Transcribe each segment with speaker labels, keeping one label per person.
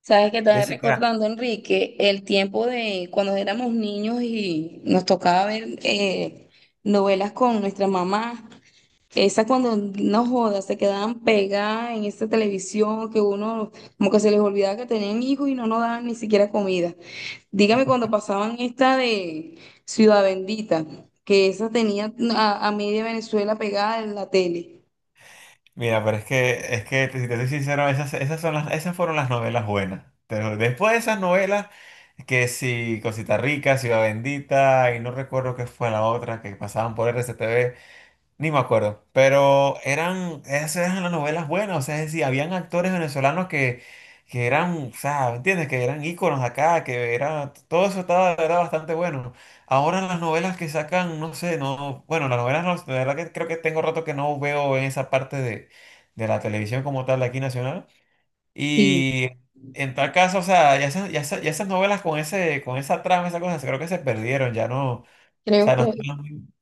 Speaker 1: Sabes que estaba
Speaker 2: Jessica,
Speaker 1: recordando, Enrique, el tiempo de cuando éramos niños y nos tocaba ver novelas con nuestra mamá. Esas, cuando no jodas, se quedaban pegadas en esta televisión que uno como que se les olvidaba que tenían hijos y no nos daban ni siquiera comida. Dígame cuando pasaban esta de Ciudad Bendita, que esa tenía a media Venezuela pegada en la tele.
Speaker 2: mira, pero es que si te soy sincero, esas son las, esas fueron las novelas buenas. Pero después de esas novelas, que si Cosita Rica, Ciudad Bendita, y no recuerdo qué fue la otra que pasaban por RCTV. Ni me acuerdo, pero eran, esas eran las novelas buenas, o sea, es decir, habían actores venezolanos que eran, o sea, ¿me entiendes? Que eran íconos acá, que era, todo eso estaba, era bastante bueno. Ahora las novelas que sacan, no sé, no, bueno, las novelas, no, de verdad que creo que tengo rato que no veo en esa parte de la televisión como tal, de aquí nacional.
Speaker 1: Sí.
Speaker 2: Y en tal caso, o sea, ya esas novelas con ese, con esa trama, esas cosas, creo que se perdieron, ya no, o
Speaker 1: Creo,
Speaker 2: sea,
Speaker 1: que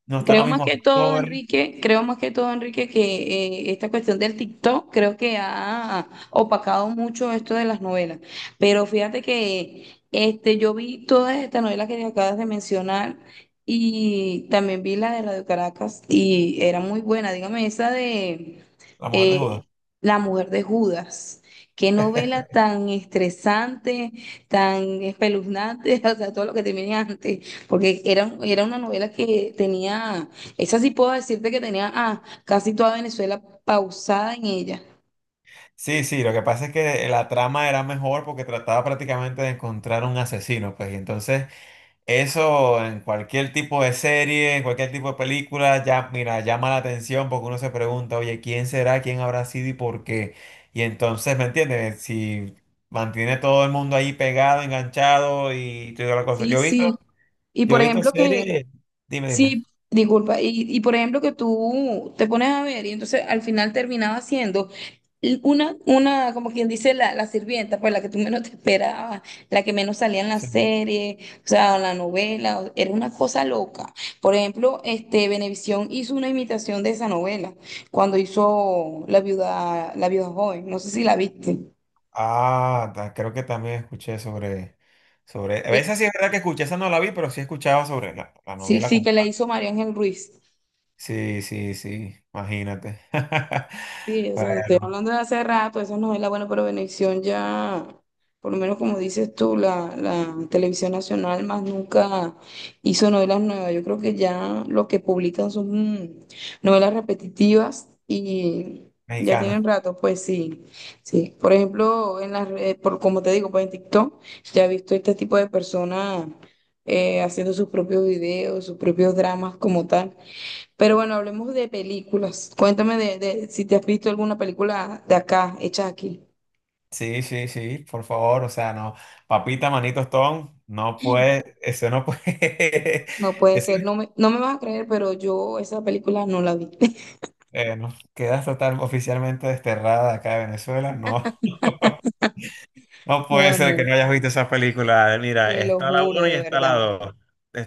Speaker 2: no están
Speaker 1: Creo
Speaker 2: los
Speaker 1: más
Speaker 2: mismos
Speaker 1: que todo,
Speaker 2: actores,
Speaker 1: Enrique, creo más que todo, Enrique, que esta cuestión del TikTok creo que ha opacado mucho esto de las novelas. Pero fíjate que este, yo vi todas estas novelas que te acabas de mencionar y también vi la de Radio Caracas y era muy buena. Dígame, esa de
Speaker 2: la mujer de
Speaker 1: eh,
Speaker 2: Judas.
Speaker 1: La mujer de Judas. Qué novela tan estresante, tan espeluznante, o sea, todo lo que te viene antes. Porque era una novela que tenía, esa sí puedo decirte que tenía casi toda Venezuela pausada en ella.
Speaker 2: Sí, sí, lo que pasa es que la trama era mejor porque trataba prácticamente de encontrar un asesino, pues, y entonces eso en cualquier tipo de serie, en cualquier tipo de película, ya, mira, llama la atención porque uno se pregunta, oye, ¿quién será? ¿Quién habrá sido y por qué? Y entonces, ¿me entiendes? Si mantiene todo el mundo ahí pegado, enganchado y toda la cosa.
Speaker 1: Sí, sí. Y
Speaker 2: Yo he
Speaker 1: por
Speaker 2: visto
Speaker 1: ejemplo, que...
Speaker 2: series, dime.
Speaker 1: Sí, disculpa. Y por ejemplo, que tú te pones a ver y entonces al final terminaba siendo una como quien dice, la sirvienta, pues la que tú menos te esperabas, la que menos salía en la
Speaker 2: Sí.
Speaker 1: serie, o sea, en la novela, era una cosa loca. Por ejemplo, este, Venevisión hizo una imitación de esa novela cuando hizo La viuda joven, no sé si la viste.
Speaker 2: Ah, creo que también escuché sobre, sobre, a
Speaker 1: Que-
Speaker 2: veces sí es verdad que escuché, esa no la vi, pero sí escuchaba sobre la, la
Speaker 1: Sí,
Speaker 2: novela
Speaker 1: sí,
Speaker 2: como
Speaker 1: que la
Speaker 2: tal.
Speaker 1: hizo María Ángel Ruiz.
Speaker 2: Sí, sí, sí, imagínate.
Speaker 1: Sí, o sea, te
Speaker 2: Bueno,
Speaker 1: estoy hablando de hace rato, esas novelas bueno, pero Venevisión ya, por lo menos como dices tú, la televisión nacional más nunca hizo novelas nuevas. Yo creo que ya lo que publican son mm, novelas repetitivas y ya tienen
Speaker 2: Mexicana.
Speaker 1: rato, pues sí, sí. Por ejemplo, en las redes, por, como te digo, pues en TikTok ya he visto este tipo de personas haciendo sus propios videos, sus propios dramas como tal. Pero bueno, hablemos de películas. Cuéntame de si te has visto alguna película de acá, hecha aquí.
Speaker 2: Sí, sí, sí, por favor, o sea, no, papita, manito, Stone, no puede, eso no puede,
Speaker 1: No puede
Speaker 2: eso,
Speaker 1: ser, no me vas a creer, pero yo esa película no la vi.
Speaker 2: no, quedas total oficialmente desterrada de acá de Venezuela, no. No puede
Speaker 1: No,
Speaker 2: ser que
Speaker 1: no,
Speaker 2: no hayas visto esa película. Mira,
Speaker 1: te lo
Speaker 2: está la
Speaker 1: juro,
Speaker 2: uno y
Speaker 1: de
Speaker 2: está la
Speaker 1: verdad,
Speaker 2: 2.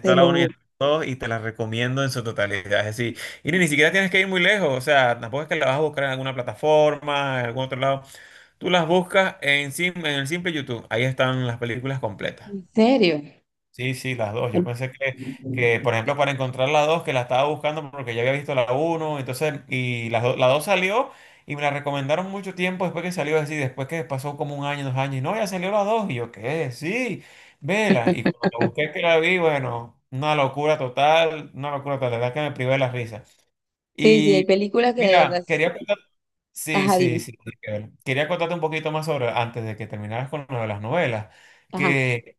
Speaker 1: te
Speaker 2: la
Speaker 1: lo
Speaker 2: uno y
Speaker 1: juro.
Speaker 2: está la 2 y te la recomiendo en su totalidad. Es decir, y ni siquiera tienes que ir muy lejos. O sea, tampoco es que la vas a buscar en alguna plataforma, en algún otro lado. Tú las buscas en, en el simple YouTube. Ahí están las películas completas.
Speaker 1: ¿En serio?
Speaker 2: Sí, sí, las dos.
Speaker 1: Bueno.
Speaker 2: Que, por ejemplo, para encontrar la dos, que la estaba buscando porque ya había visto la uno, entonces, y la, la dos salió y me la recomendaron mucho tiempo después que salió así, después que pasó como un año, dos años, y no, ya salió la dos, y yo, ¿qué? Sí, vela. Y cuando la busqué que la vi, bueno, una locura total, la verdad que me privé de la risa.
Speaker 1: Sí, sí, hay
Speaker 2: Y
Speaker 1: películas que de verdad.
Speaker 2: mira, quería contar- sí,
Speaker 1: Ajá,
Speaker 2: sí,
Speaker 1: dime.
Speaker 2: sí, sí, quería contarte un poquito más sobre, antes de que terminaras con lo de las novelas
Speaker 1: Ajá,
Speaker 2: que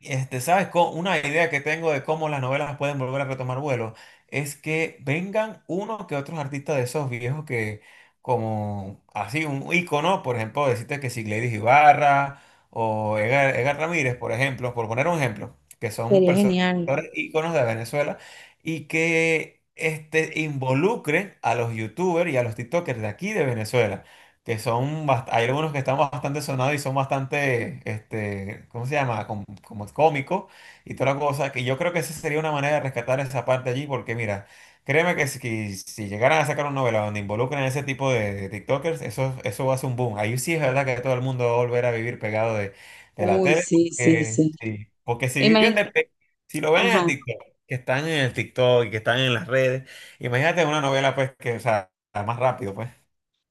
Speaker 2: ¿sabes? Una idea que tengo de cómo las novelas pueden volver a retomar vuelo es que vengan uno que otros artistas de esos viejos que, como así, un ícono, por ejemplo, decirte que si Gladys Ibarra o Edgar Ramírez, por ejemplo, por poner un ejemplo, que son
Speaker 1: sería
Speaker 2: personas,
Speaker 1: genial.
Speaker 2: actores íconos de Venezuela y que involucren a los youtubers y a los TikTokers de aquí de Venezuela que son, hay algunos que están bastante sonados y son bastante, ¿cómo se llama? Cómicos y toda la cosa, que yo creo que esa sería una manera de rescatar esa parte allí, porque mira, créeme que si llegaran a sacar una novela donde involucran a ese tipo de TikTokers, eso va a ser un boom. Ahí sí es verdad que todo el mundo va a volver a vivir pegado de la
Speaker 1: Uy,
Speaker 2: tele,
Speaker 1: sí, sí,
Speaker 2: porque,
Speaker 1: sí.
Speaker 2: sí, porque si
Speaker 1: Me
Speaker 2: viven
Speaker 1: imagino,
Speaker 2: de, si lo ven en el
Speaker 1: ajá.
Speaker 2: TikTok, que están en el TikTok y que están en las redes, imagínate una novela pues que, o sea, más rápido pues.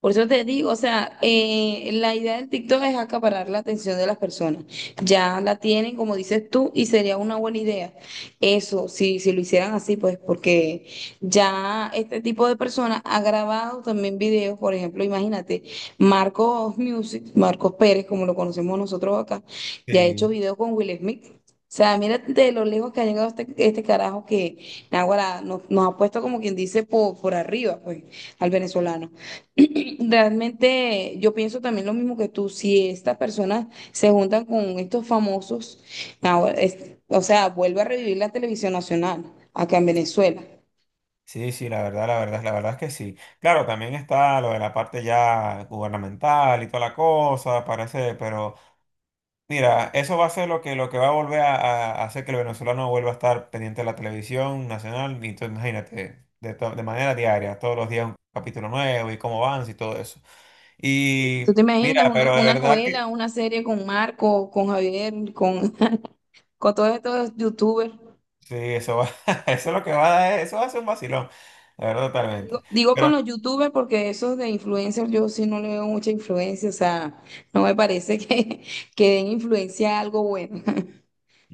Speaker 1: Por eso te digo, o sea, la idea del TikTok es acaparar la atención de las personas. Ya la tienen, como dices tú, y sería una buena idea. Eso, si, si lo hicieran así, pues porque ya este tipo de personas ha grabado también videos, por ejemplo, imagínate, Marcos Music, Marcos Pérez, como lo conocemos nosotros acá, ya ha hecho
Speaker 2: Sí.
Speaker 1: videos con Will Smith. O sea, mira de lo lejos que ha llegado este, este carajo que naguará nos, nos ha puesto como quien dice por arriba, pues, al venezolano. Realmente yo pienso también lo mismo que tú, si estas personas se juntan con estos famosos, ahora o sea, vuelve a revivir la televisión nacional acá en Venezuela.
Speaker 2: Sí, sí, la verdad, la verdad, la verdad es que sí. Claro, también está lo de la parte ya gubernamental y toda la cosa, parece, pero mira, eso va a ser lo que va a volver a hacer que el venezolano vuelva a estar pendiente de la televisión nacional, y tú imagínate, de, de manera diaria, todos los días un capítulo nuevo y cómo van y todo eso.
Speaker 1: ¿Tú te
Speaker 2: Y mira,
Speaker 1: imaginas
Speaker 2: pero de
Speaker 1: una
Speaker 2: verdad
Speaker 1: novela,
Speaker 2: que
Speaker 1: una serie con Marco, con Javier, con, con todos estos youtubers?
Speaker 2: sí, eso va, eso es lo que va a dar, eso va a ser un vacilón, la verdad,
Speaker 1: Digo,
Speaker 2: totalmente.
Speaker 1: digo
Speaker 2: Pero
Speaker 1: con los youtubers porque esos de influencers yo sí no le veo mucha influencia, o sea, no me parece que, que den influencia a algo bueno.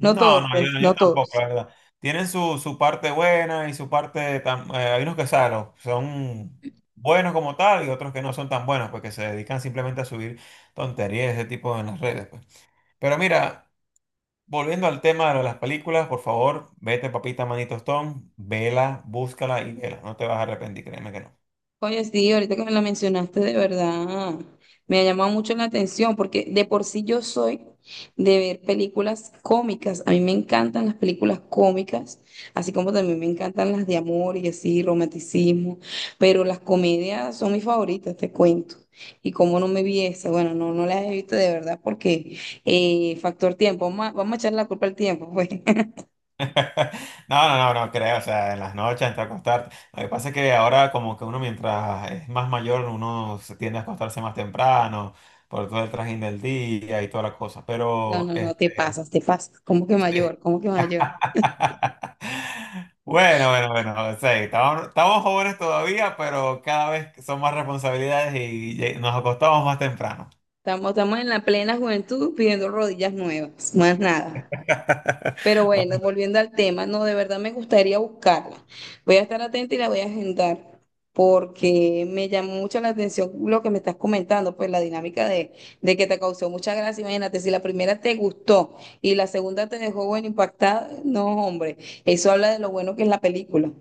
Speaker 1: No todos,
Speaker 2: no,
Speaker 1: pues, no
Speaker 2: yo tampoco,
Speaker 1: todos.
Speaker 2: la verdad. Tienen su, su parte buena y su parte... hay unos que saben, son buenos como tal y otros que no son tan buenos, porque se dedican simplemente a subir tonterías de ese tipo en las redes, pues. Pero mira, volviendo al tema de las películas, por favor, vete, papita, manito Stone, vela, búscala y vela. No te vas a arrepentir, créeme que no.
Speaker 1: Oye, sí, ahorita que me la mencionaste, de verdad, me ha llamado mucho la atención porque de por sí yo soy de ver películas cómicas. A mí me encantan las películas cómicas, así como también me encantan las de amor y así, romanticismo, pero las comedias son mis favoritas, te cuento. Y como no me vi esa, bueno, no, no las he visto de verdad porque factor tiempo, vamos a echar la culpa al tiempo, pues.
Speaker 2: No, no, no, no creo, o sea, en las noches, antes de acostarte. Lo que pasa es que ahora como que uno mientras es más mayor, uno se tiende a acostarse más temprano por todo el trajín del día y toda la cosa.
Speaker 1: No,
Speaker 2: Pero,
Speaker 1: no, no, te pasas, te pasas. ¿Cómo que
Speaker 2: sí.
Speaker 1: mayor? ¿Cómo que mayor?
Speaker 2: Bueno, bueno, bueno, sí, estamos jóvenes todavía, pero cada vez son más responsabilidades y nos acostamos más temprano.
Speaker 1: Estamos, estamos en la plena juventud pidiendo rodillas nuevas, más nada. Pero bueno,
Speaker 2: Bueno,
Speaker 1: volviendo al tema, no, de verdad me gustaría buscarla. Voy a estar atenta y la voy a agendar porque me llamó mucho la atención lo que me estás comentando, pues la dinámica de que te causó mucha gracia. Imagínate, si la primera te gustó y la segunda te dejó bueno impactada, no, hombre, eso habla de lo bueno que es la película.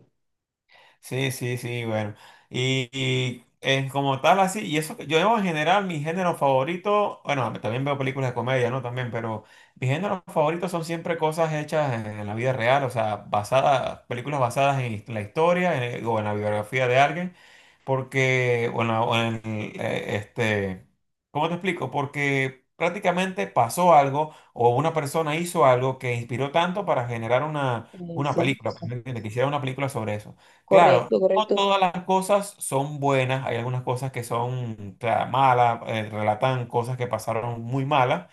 Speaker 2: sí, sí, sí, bueno. Como tal, así, y eso que yo en general, mi género favorito, bueno, también veo películas de comedia, ¿no? También, pero mis géneros favoritos son siempre cosas hechas en la vida real, o sea, basadas, películas basadas en la historia o en la biografía de alguien, porque, bueno, ¿cómo te explico? Porque prácticamente pasó algo o una persona hizo algo que inspiró tanto para generar una
Speaker 1: Eso.
Speaker 2: película, pues, ¿me entiendes? Que hiciera una película sobre eso. Claro,
Speaker 1: Correcto,
Speaker 2: no
Speaker 1: correcto.
Speaker 2: todas las cosas son buenas, hay algunas cosas que son claro, malas, relatan cosas que pasaron muy malas,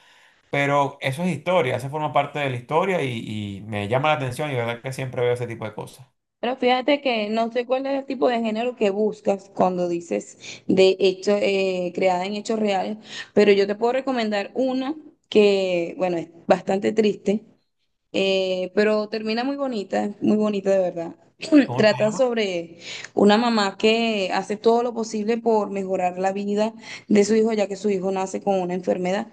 Speaker 2: pero eso es historia, eso forma parte de la historia y me llama la atención y la verdad que siempre veo ese tipo de cosas.
Speaker 1: Pero fíjate que no sé cuál es el tipo de género que buscas cuando dices de hecho, creada en hechos reales, pero yo te puedo recomendar una que, bueno, es bastante triste, pero termina muy bonita de verdad.
Speaker 2: ¿Cómo se
Speaker 1: Trata
Speaker 2: llama?
Speaker 1: sobre una mamá que hace todo lo posible por mejorar la vida de su hijo, ya que su hijo nace con una enfermedad.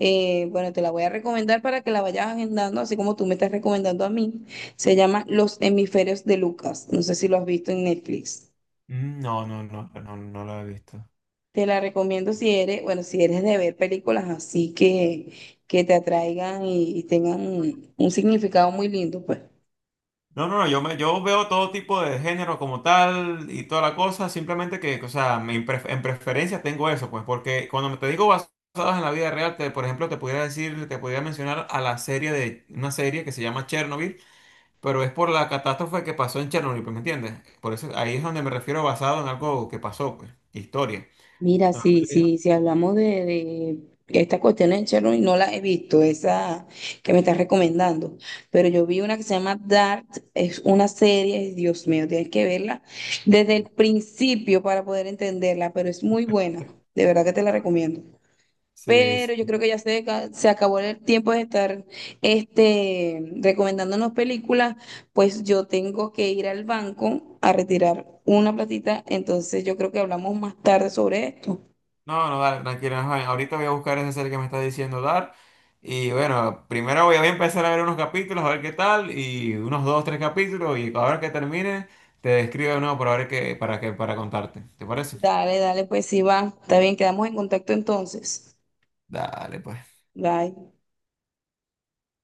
Speaker 1: Bueno, te la voy a recomendar para que la vayas agendando, así como tú me estás recomendando a mí. Se llama Los hemisferios de Lucas. No sé si lo has visto en Netflix.
Speaker 2: Mm, no, no, no, no, no lo he visto.
Speaker 1: Te la recomiendo si eres, bueno, si eres de ver películas así que te atraigan y tengan un significado muy lindo, pues.
Speaker 2: No, no, no, yo veo todo tipo de género como tal y toda la cosa, simplemente que, o sea, en preferencia tengo eso, pues, porque cuando te digo basados en la vida real, te, por ejemplo, te pudiera decir, te pudiera mencionar a la serie de, una serie que se llama Chernobyl, pero es por la catástrofe que pasó en Chernobyl, pues, ¿me entiendes? Por eso ahí es donde me refiero basado en algo que pasó, pues, historia.
Speaker 1: Mira, sí,
Speaker 2: Entonces,
Speaker 1: sí, si hablamos de esta cuestión de Chernobyl, no la he visto, esa que me estás recomendando, pero yo vi una que se llama Dark, es una serie, Dios mío, tienes que verla desde el principio para poder entenderla, pero es muy buena, de verdad que te la recomiendo.
Speaker 2: sí,
Speaker 1: Pero yo creo
Speaker 2: sí.
Speaker 1: que ya se acabó el tiempo de estar este, recomendándonos películas, pues yo tengo que ir al banco a retirar una platita, entonces yo creo que hablamos más tarde sobre esto.
Speaker 2: No, no, dale, tranquila, ajá, ahorita voy a buscar esa serie que me está diciendo dar. Y bueno, primero voy a empezar a ver unos capítulos, a ver qué tal, y unos dos, tres capítulos, y ahora que termine, te escribo de nuevo para ver para contarte. ¿Te parece?
Speaker 1: Dale, dale, pues sí va. Está bien, quedamos en contacto entonces.
Speaker 2: Dale, pues.
Speaker 1: Bye.